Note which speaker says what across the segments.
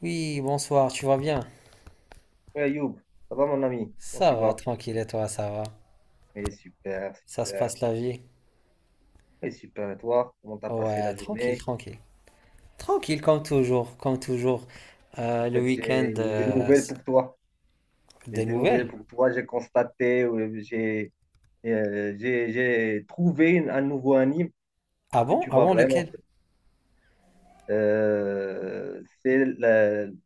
Speaker 1: Oui, bonsoir, tu vas bien?
Speaker 2: Ouais, Youb, ça va mon ami? Comment
Speaker 1: Ça
Speaker 2: tu
Speaker 1: va,
Speaker 2: vas?
Speaker 1: tranquille, et toi, ça va?
Speaker 2: Eh, super,
Speaker 1: Ça se
Speaker 2: super.
Speaker 1: passe la vie?
Speaker 2: Eh, super, et toi? Comment t'as passé
Speaker 1: Ouais,
Speaker 2: la
Speaker 1: tranquille,
Speaker 2: journée?
Speaker 1: tranquille. Tranquille, comme toujours, comme toujours.
Speaker 2: En
Speaker 1: Le
Speaker 2: fait,
Speaker 1: week-end,
Speaker 2: j'ai des nouvelles pour toi. J'ai
Speaker 1: des
Speaker 2: des nouvelles
Speaker 1: nouvelles?
Speaker 2: pour toi. J'ai constaté, j'ai trouvé un nouveau anime
Speaker 1: Ah
Speaker 2: que
Speaker 1: bon?
Speaker 2: tu
Speaker 1: Ah
Speaker 2: vas
Speaker 1: bon,
Speaker 2: vraiment.
Speaker 1: lequel?
Speaker 2: Euh, c'est le-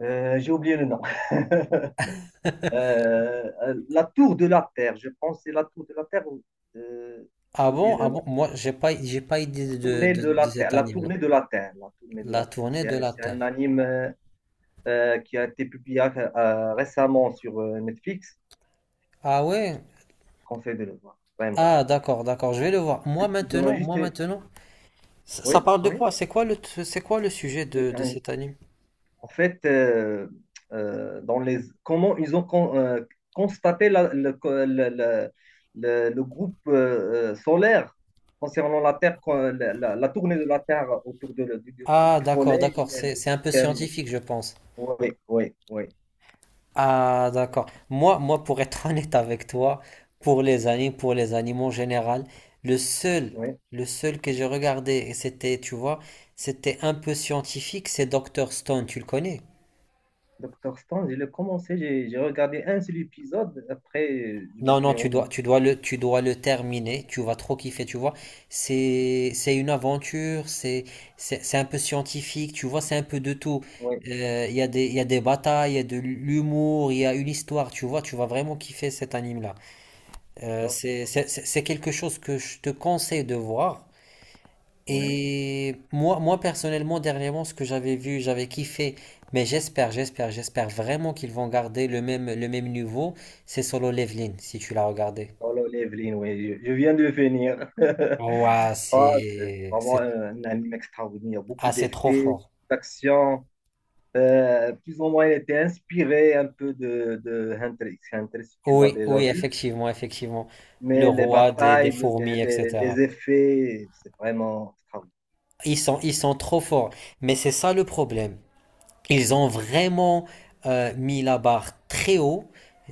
Speaker 2: j'ai oublié le nom. Euh, la Tour de la Terre. Je pense que c'est la Tour de la Terre. Euh, j'ai
Speaker 1: Ah
Speaker 2: oublié
Speaker 1: bon? Ah
Speaker 2: le nom.
Speaker 1: bon? Moi, j'ai pas idée de,
Speaker 2: Tournée
Speaker 1: de,
Speaker 2: de la
Speaker 1: de cet
Speaker 2: Terre, la
Speaker 1: anime-là.
Speaker 2: tournée de la Terre, la tournée de
Speaker 1: La
Speaker 2: la Terre.
Speaker 1: tournée
Speaker 2: C'est
Speaker 1: de
Speaker 2: un,
Speaker 1: la
Speaker 2: c'est
Speaker 1: Terre.
Speaker 2: un anime qui a été publié récemment sur Netflix.
Speaker 1: Ah ouais?
Speaker 2: Je conseille de le voir, vraiment.
Speaker 1: Ah, d'accord, d'accord, je vais le voir.
Speaker 2: Je te donne juste une-
Speaker 1: Ça,
Speaker 2: Oui,
Speaker 1: ça parle de
Speaker 2: oui.
Speaker 1: quoi? C'est quoi c'est quoi le sujet
Speaker 2: Mais,
Speaker 1: de
Speaker 2: euh,
Speaker 1: cet anime?
Speaker 2: En fait, euh, euh, dans les... comment ils ont constaté la- le, co- le groupe solaire concernant la Terre, quand la tournée de la Terre autour de, le-
Speaker 1: Ah,
Speaker 2: du
Speaker 1: d'accord,
Speaker 2: Soleil,
Speaker 1: d'accord,
Speaker 2: et le
Speaker 1: c'est un peu
Speaker 2: système.
Speaker 1: scientifique, je pense.
Speaker 2: Oui, oui, oui,
Speaker 1: Ah, d'accord. Moi, moi, pour être honnête avec toi, pour les animes, pour les animaux en général, le seul,
Speaker 2: oui.
Speaker 1: le seul que j'ai regardé, et c'était, tu vois, c'était un peu scientifique, c'est Docteur Stone, tu le connais?
Speaker 2: Docteur Stone, je l'ai commencé, j'ai regardé un seul épisode. Après, je me
Speaker 1: Non, non,
Speaker 2: suis en...
Speaker 1: tu dois le terminer, tu vas trop kiffer, tu vois. C'est une aventure, c'est un peu scientifique, tu vois, c'est un peu de tout.
Speaker 2: Ouais,
Speaker 1: Il y a il y a des batailles, il y a de l'humour, il y a une histoire, tu vois, tu vas vraiment kiffer cet anime-là.
Speaker 2: d'accord, d'accord.
Speaker 1: C'est quelque chose que je te conseille de voir.
Speaker 2: Ouais.
Speaker 1: Et moi, moi personnellement, dernièrement, ce que j'avais vu, j'avais kiffé. Mais j'espère vraiment qu'ils vont garder le même niveau. C'est Solo Leveling, si tu l'as regardé.
Speaker 2: Oh là, Evelyn, ouais, je viens de finir.
Speaker 1: Ouah,
Speaker 2: Ah, c'est vraiment un anime extraordinaire. Beaucoup
Speaker 1: ah, c'est trop
Speaker 2: d'effets,
Speaker 1: fort.
Speaker 2: d'action. Plus ou moins, il était inspiré un peu de Hunter x Hunter, si tu l'as
Speaker 1: Oui,
Speaker 2: déjà
Speaker 1: oui,
Speaker 2: vu.
Speaker 1: effectivement, effectivement. Le
Speaker 2: Mais les
Speaker 1: roi des
Speaker 2: batailles, les,
Speaker 1: fourmis,
Speaker 2: les, les
Speaker 1: etc.
Speaker 2: effets, c'est vraiment extraordinaire.
Speaker 1: Ils sont trop forts. Mais c'est ça le problème. Ils ont vraiment mis la barre très haut.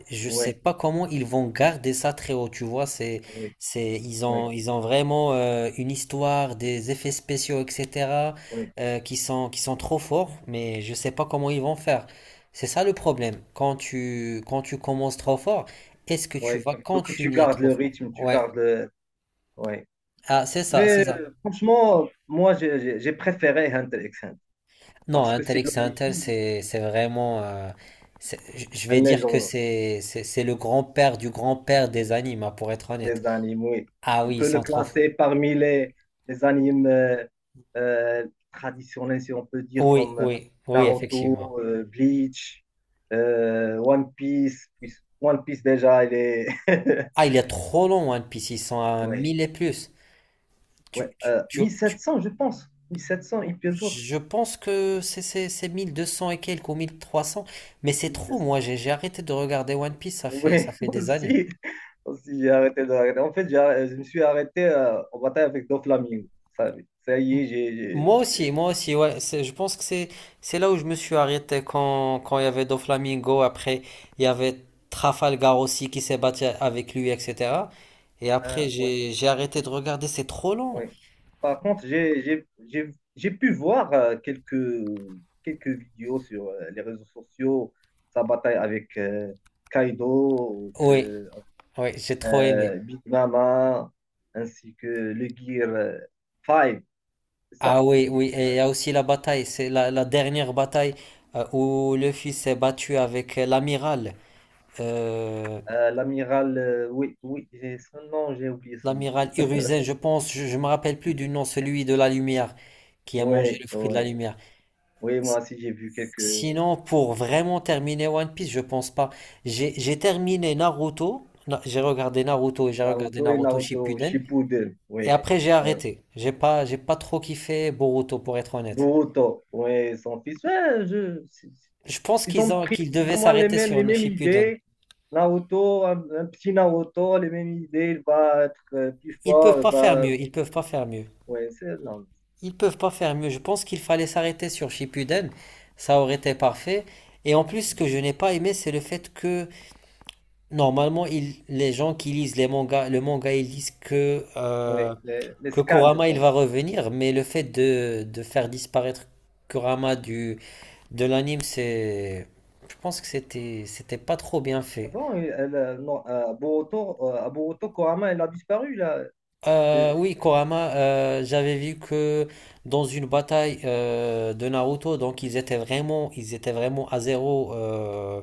Speaker 1: Je ne sais
Speaker 2: Oui,
Speaker 1: pas comment ils vont garder ça très haut. Tu vois,
Speaker 2: oui, oui,
Speaker 1: ils ont vraiment une histoire, des effets spéciaux, etc.,
Speaker 2: oui,
Speaker 1: qui sont trop forts. Mais je ne sais pas comment ils vont faire. C'est ça le problème. Quand tu commences trop fort, est-ce que
Speaker 2: oui.
Speaker 1: tu vas
Speaker 2: Il faut que tu
Speaker 1: continuer
Speaker 2: gardes
Speaker 1: trop
Speaker 2: le
Speaker 1: fort?
Speaker 2: rythme, tu
Speaker 1: Ouais.
Speaker 2: gardes le- Ouais.
Speaker 1: Ah, c'est ça, c'est
Speaker 2: Mais
Speaker 1: ça.
Speaker 2: franchement, moi, j'ai préféré Hunter x Hunter
Speaker 1: Non,
Speaker 2: parce que c'est
Speaker 1: Intelix Intel,
Speaker 2: l'origine
Speaker 1: c'est c'est vraiment. Je vais
Speaker 2: en
Speaker 1: dire que
Speaker 2: légende
Speaker 1: c'est le grand-père du grand-père des animes, hein, pour être honnête.
Speaker 2: des animes, oui.
Speaker 1: Ah
Speaker 2: On
Speaker 1: oui, ils
Speaker 2: peut le
Speaker 1: sont trop.
Speaker 2: classer parmi les animes traditionnels, si on peut dire,
Speaker 1: Oui,
Speaker 2: comme
Speaker 1: oui, oui, effectivement.
Speaker 2: Naruto, Bleach, One Piece. Puis- One Piece, déjà, il est...
Speaker 1: Ah, il est trop long, One Piece, ils sont à
Speaker 2: Ouais,
Speaker 1: 1000 et plus. Tu,
Speaker 2: ouais.
Speaker 1: tu, tu, tu-
Speaker 2: 1700, je pense. 1700 épisodes.
Speaker 1: je pense que c'est 1200 et quelques ou 1300. Mais c'est trop, moi, j'ai arrêté de regarder One Piece,
Speaker 2: Oui,
Speaker 1: ça fait des années.
Speaker 2: aussi, aussi j'ai arrêté de regarder. En fait, je me suis arrêté en bataille avec Doflamingo. Ça, ça y est.
Speaker 1: Moi aussi, ouais, je pense que c'est là où je me suis arrêté quand il y avait Doflamingo, après il y avait Trafalgar aussi qui s'est battu avec lui, etc. Et après
Speaker 2: Ah, ouais,
Speaker 1: j'ai arrêté de regarder, c'est trop long.
Speaker 2: ouais. Par contre, j'ai pu voir quelques vidéos sur les réseaux sociaux, sa bataille avec Kaido,
Speaker 1: Oui, oui, j'ai trop aimé.
Speaker 2: Big Mama, ainsi que le Gear 5. C'est ça.
Speaker 1: Ah oui, oui, et il y a aussi la bataille, la dernière bataille où le fils s'est battu avec l'amiral, euh,
Speaker 2: L'amiral, oui, oui, j'ai son nom, j'ai oublié son
Speaker 1: l'amiral Hiruzen, je pense, je me rappelle plus
Speaker 2: nom.
Speaker 1: du nom, celui de la lumière, qui a mangé
Speaker 2: Oui,
Speaker 1: le fruit de la
Speaker 2: oui.
Speaker 1: lumière.
Speaker 2: Oui, moi aussi, j'ai vu quelques
Speaker 1: Sinon, pour vraiment terminer One Piece, je pense pas. J'ai terminé Naruto, j'ai regardé Naruto et j'ai regardé
Speaker 2: Naruto et
Speaker 1: Naruto
Speaker 2: Naruto
Speaker 1: Shippuden,
Speaker 2: Shippuden.
Speaker 1: et
Speaker 2: Oui,
Speaker 1: après j'ai
Speaker 2: oui.
Speaker 1: arrêté. J'ai pas trop kiffé Boruto pour être honnête.
Speaker 2: Boruto, oui, son fils. Ouais, je-
Speaker 1: Je pense
Speaker 2: Ils
Speaker 1: qu'ils
Speaker 2: ont
Speaker 1: ont,
Speaker 2: pris
Speaker 1: qu'ils
Speaker 2: plus
Speaker 1: devaient
Speaker 2: ou moins les
Speaker 1: s'arrêter
Speaker 2: mêmes, les
Speaker 1: sur
Speaker 2: mêmes
Speaker 1: Shippuden.
Speaker 2: idées. Naruto, un petit Naruto, les mêmes idées. Il va être plus
Speaker 1: Ils peuvent
Speaker 2: fort. Il
Speaker 1: pas faire
Speaker 2: va...
Speaker 1: mieux, ils peuvent pas faire mieux.
Speaker 2: Oui, c'est... Non.
Speaker 1: Ils peuvent pas faire mieux. Je pense qu'il fallait s'arrêter sur Shippuden, ça aurait été parfait. Et en plus, ce que je n'ai pas aimé, c'est le fait que normalement, les gens qui lisent les mangas, le manga, ils disent
Speaker 2: Oui, les
Speaker 1: que
Speaker 2: scans, je
Speaker 1: Kurama il va
Speaker 2: pense.
Speaker 1: revenir, mais le fait de faire disparaître Kurama de l'anime, c'est. Je pense que c'était pas trop bien fait.
Speaker 2: Avant, elle, non, Boruto, à Boruto, Kurama, elle a disparu, là. Le
Speaker 1: Oui, Kurama, j'avais vu que dans une bataille de Naruto, donc ils étaient vraiment à zéro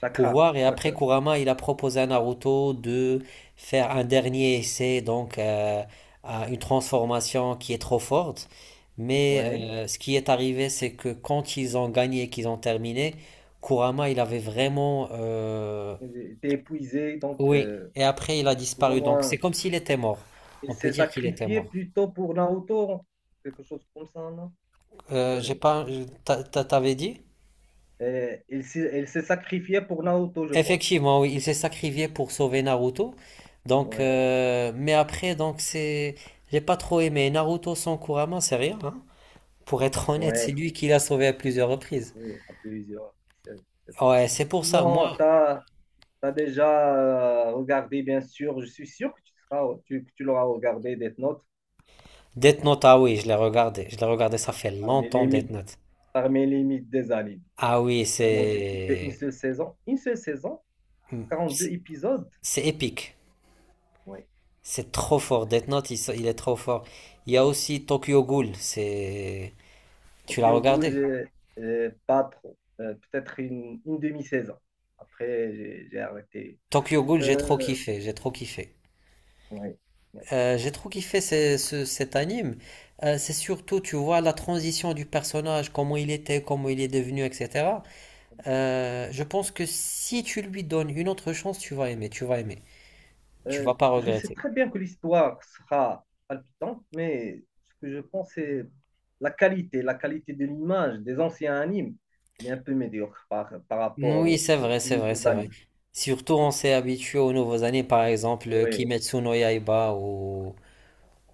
Speaker 2: Chakra.
Speaker 1: pouvoir. Et après, Kurama, il a proposé à Naruto de faire un dernier essai, donc à une transformation qui est trop forte. Mais
Speaker 2: Oui.
Speaker 1: euh, ce qui est arrivé, c'est que quand ils ont gagné qu'ils ont terminé, Kurama, il avait vraiment...
Speaker 2: Il était épuisé, donc...
Speaker 1: Oui, et après, il a
Speaker 2: plus ou
Speaker 1: disparu. Donc, c'est
Speaker 2: moins.
Speaker 1: comme s'il était mort.
Speaker 2: Il
Speaker 1: On peut
Speaker 2: s'est
Speaker 1: dire qu'il était
Speaker 2: sacrifié
Speaker 1: mort.
Speaker 2: plutôt pour Naoto, quelque chose comme ça, non? Ça,
Speaker 1: J'ai pas... T'avais dit?
Speaker 2: il s'est sacrifié pour Naoto, je pense.
Speaker 1: Effectivement, oui, il s'est sacrifié pour sauver Naruto. Donc,
Speaker 2: Ouais,
Speaker 1: j'ai pas trop aimé Naruto sans Kurama, c'est rien. Hein. Pour être honnête, c'est
Speaker 2: ouais,
Speaker 1: lui qui l'a sauvé à plusieurs reprises.
Speaker 2: oui, à plusieurs. C'est- c'est ça.
Speaker 1: Ouais, c'est pour ça.
Speaker 2: Sinon,
Speaker 1: Moi,
Speaker 2: tu as, déjà regardé, bien sûr, je suis sûr que tu l'auras regardé, Death Note.
Speaker 1: Death Note, ah oui, je l'ai regardé. Je l'ai regardé, ça
Speaker 2: Ah, c'est
Speaker 1: fait longtemps Death Note.
Speaker 2: parmi les mythes des animes.
Speaker 1: Ah oui,
Speaker 2: Vraiment, j'ai kiffé
Speaker 1: c'est,
Speaker 2: une seule saison,
Speaker 1: hmm,
Speaker 2: 42 épisodes.
Speaker 1: c'est épique.
Speaker 2: Ouais.
Speaker 1: C'est trop fort. Death Note, il est trop fort. Il y a aussi Tokyo Ghoul. C'est, tu l'as
Speaker 2: Tokyo Ghoul,
Speaker 1: regardé?
Speaker 2: j'ai pas trop. Peut-être une demi-saison. Après, j'ai arrêté.
Speaker 1: Tokyo Ghoul, j'ai trop
Speaker 2: Euh,
Speaker 1: kiffé. J'ai trop kiffé.
Speaker 2: ouais, ouais.
Speaker 1: J'ai trop kiffé cet anime. C'est surtout, tu vois, la transition du personnage, comment il était, comment il est devenu, etc. Je pense que si tu lui donnes une autre chance, tu vas aimer. Tu
Speaker 2: Euh,
Speaker 1: vas pas
Speaker 2: je sais
Speaker 1: regretter.
Speaker 2: très bien que l'histoire sera palpitante, mais ce que je pense, c'est la qualité de l'image des anciens animes. Elle est un peu médiocre par rapport
Speaker 1: Oui,
Speaker 2: au-
Speaker 1: c'est
Speaker 2: au-
Speaker 1: vrai,
Speaker 2: aux,
Speaker 1: c'est vrai,
Speaker 2: nouveaux
Speaker 1: c'est vrai.
Speaker 2: animes.
Speaker 1: Surtout, on s'est habitué aux nouveaux animes, par exemple,
Speaker 2: Oui,
Speaker 1: Kimetsu no Yaiba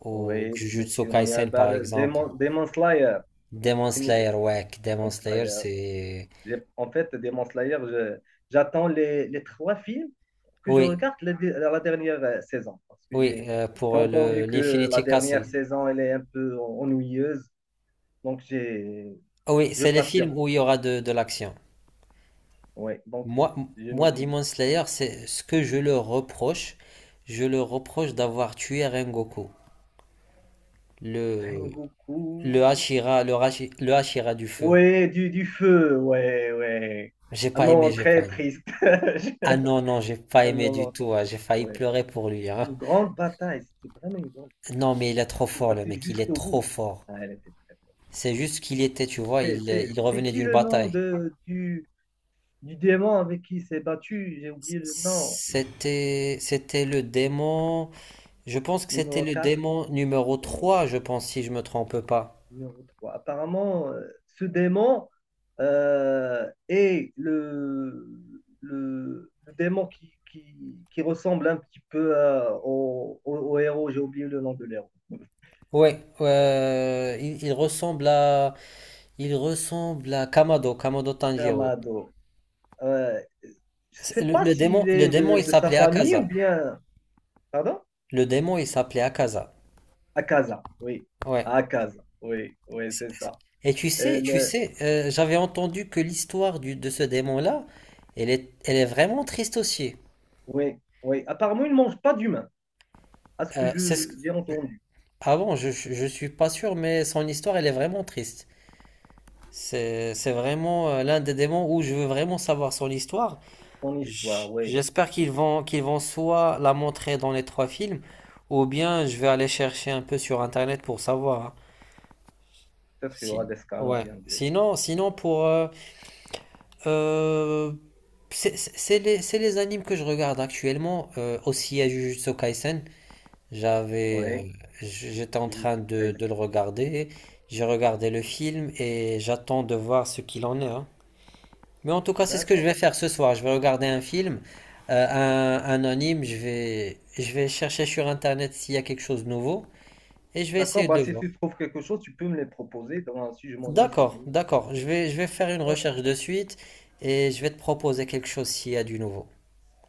Speaker 1: ou
Speaker 2: oui,
Speaker 1: Jujutsu
Speaker 2: Kimetsu no
Speaker 1: Kaisen,
Speaker 2: Yaiba,
Speaker 1: par exemple.
Speaker 2: Demon, Demon Slayer,
Speaker 1: Demon
Speaker 2: Kimi-
Speaker 1: Slayer, ouais, Demon
Speaker 2: Demon
Speaker 1: Slayer,
Speaker 2: Slayer.
Speaker 1: c'est...
Speaker 2: En fait, Demon Slayer, j'attends les trois films que je
Speaker 1: Oui,
Speaker 2: regarde la dernière saison. Parce que
Speaker 1: oui,
Speaker 2: j'ai j'ai
Speaker 1: pour le
Speaker 2: entendu que la
Speaker 1: l'Infinity
Speaker 2: dernière
Speaker 1: Castle.
Speaker 2: saison, elle est un peu ennuyeuse. Donc,
Speaker 1: Ah oui,
Speaker 2: je
Speaker 1: c'est les
Speaker 2: patiente.
Speaker 1: films où il y aura de l'action.
Speaker 2: Ouais, donc,
Speaker 1: Moi,
Speaker 2: je me
Speaker 1: moi,
Speaker 2: dis,
Speaker 1: Demon Slayer, c'est ce que je le reproche. Je le reproche d'avoir tué Rengoku, le,
Speaker 2: Rengoku.
Speaker 1: le Hashira, le Hashira du feu.
Speaker 2: Ouais, du feu. Ouais, ouais.
Speaker 1: J'ai
Speaker 2: Un
Speaker 1: pas aimé,
Speaker 2: moment
Speaker 1: j'ai pas
Speaker 2: très
Speaker 1: aimé.
Speaker 2: triste. Je-
Speaker 1: Ah non, non, j'ai pas
Speaker 2: Un
Speaker 1: aimé du
Speaker 2: moment,
Speaker 1: tout. Hein. J'ai failli
Speaker 2: ouais.
Speaker 1: pleurer pour lui.
Speaker 2: Une
Speaker 1: Hein.
Speaker 2: grande bataille. C'était vraiment une grande bataille.
Speaker 1: Non, mais il est trop
Speaker 2: Il s'est
Speaker 1: fort, le
Speaker 2: battu
Speaker 1: mec. Il est
Speaker 2: jusqu'au bout.
Speaker 1: trop fort.
Speaker 2: Ah, elle était
Speaker 1: C'est juste qu'il était, tu vois,
Speaker 2: c'est-
Speaker 1: il
Speaker 2: C'était
Speaker 1: revenait
Speaker 2: qui
Speaker 1: d'une
Speaker 2: le nom
Speaker 1: bataille.
Speaker 2: du démon avec qui il s'est battu? J'ai oublié le nom.
Speaker 1: C'était le démon. Je pense que c'était
Speaker 2: Numéro
Speaker 1: le
Speaker 2: 4, j'ai
Speaker 1: démon
Speaker 2: oublié
Speaker 1: numéro
Speaker 2: le nom.
Speaker 1: 3, je pense, si je me trompe pas.
Speaker 2: Numéro trois. Apparemment, ce démon est le démon qui ressemble un petit peu au héros. J'ai oublié le nom de l'héros.
Speaker 1: Ouais, il ressemble à Kamado, Kamado Tanjiro.
Speaker 2: Kamado. Euh, je sais pas s'il
Speaker 1: Le
Speaker 2: est
Speaker 1: démon,
Speaker 2: de,
Speaker 1: il
Speaker 2: de sa
Speaker 1: s'appelait
Speaker 2: famille ou
Speaker 1: Akaza.
Speaker 2: bien. Pardon?
Speaker 1: Le démon, il s'appelait Akaza.
Speaker 2: Akaza, oui.
Speaker 1: Ouais.
Speaker 2: Akaza, oui, oui,
Speaker 1: C'est-
Speaker 2: c'est ça.
Speaker 1: Et tu sais, j'avais entendu que l'histoire de ce démon-là, elle est vraiment triste aussi.
Speaker 2: Oui, oui. Apparemment, il ne mange pas d'humains, à ce que
Speaker 1: Euh, c'est ce
Speaker 2: je
Speaker 1: que...
Speaker 2: j'ai entendu.
Speaker 1: Ah bon, je suis pas sûr, mais son histoire, elle est vraiment triste. C'est vraiment l'un des démons où je veux vraiment savoir son histoire.
Speaker 2: Son histoire, oui.
Speaker 1: J'espère qu'ils vont soit la montrer dans les 3 films, ou bien je vais aller chercher un peu sur Internet pour savoir. Hein.
Speaker 2: Peut-être qu'il y aura
Speaker 1: Si-
Speaker 2: des scans ou
Speaker 1: Ouais.
Speaker 2: bien des.
Speaker 1: Sinon,
Speaker 2: Oui,
Speaker 1: sinon pour... euh, euh, c'est les animes que je regarde actuellement. Aussi à Jujutsu Kaisen, j'avais, euh,
Speaker 2: oui.
Speaker 1: j'étais en
Speaker 2: Je te
Speaker 1: train
Speaker 2: surprise.
Speaker 1: de le regarder. J'ai regardé le film et j'attends de voir ce qu'il en est. Hein. Mais en tout cas, c'est ce que je
Speaker 2: D'accord.
Speaker 1: vais faire ce soir. Je vais regarder un film, un anime. Je vais chercher sur Internet s'il y a quelque chose de nouveau et je vais
Speaker 2: D'accord,
Speaker 1: essayer
Speaker 2: bah,
Speaker 1: de
Speaker 2: si
Speaker 1: voir.
Speaker 2: tu trouves quelque chose, tu peux me les proposer. Si je m'ennuie cette
Speaker 1: D'accord,
Speaker 2: nuit,
Speaker 1: d'accord. Je vais faire une
Speaker 2: d'accord.
Speaker 1: recherche de suite et je vais te proposer quelque chose s'il y a du nouveau.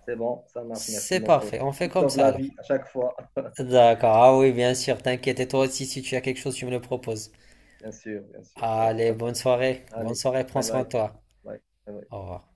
Speaker 2: C'est bon, ça marche. Merci,
Speaker 1: C'est
Speaker 2: mon pote.
Speaker 1: parfait. On fait
Speaker 2: Tu
Speaker 1: comme
Speaker 2: sauves
Speaker 1: ça
Speaker 2: la
Speaker 1: alors.
Speaker 2: vie à chaque fois.
Speaker 1: D'accord. Ah oui, bien sûr. T'inquiète. Et toi aussi, si tu as quelque chose, tu me le proposes.
Speaker 2: Bien sûr, bien sûr. Sans-
Speaker 1: Allez, bonne soirée. Bonne
Speaker 2: Allez,
Speaker 1: soirée. Prends
Speaker 2: bye
Speaker 1: soin de
Speaker 2: bye.
Speaker 1: toi.
Speaker 2: Bye. Bye bye.
Speaker 1: Au revoir.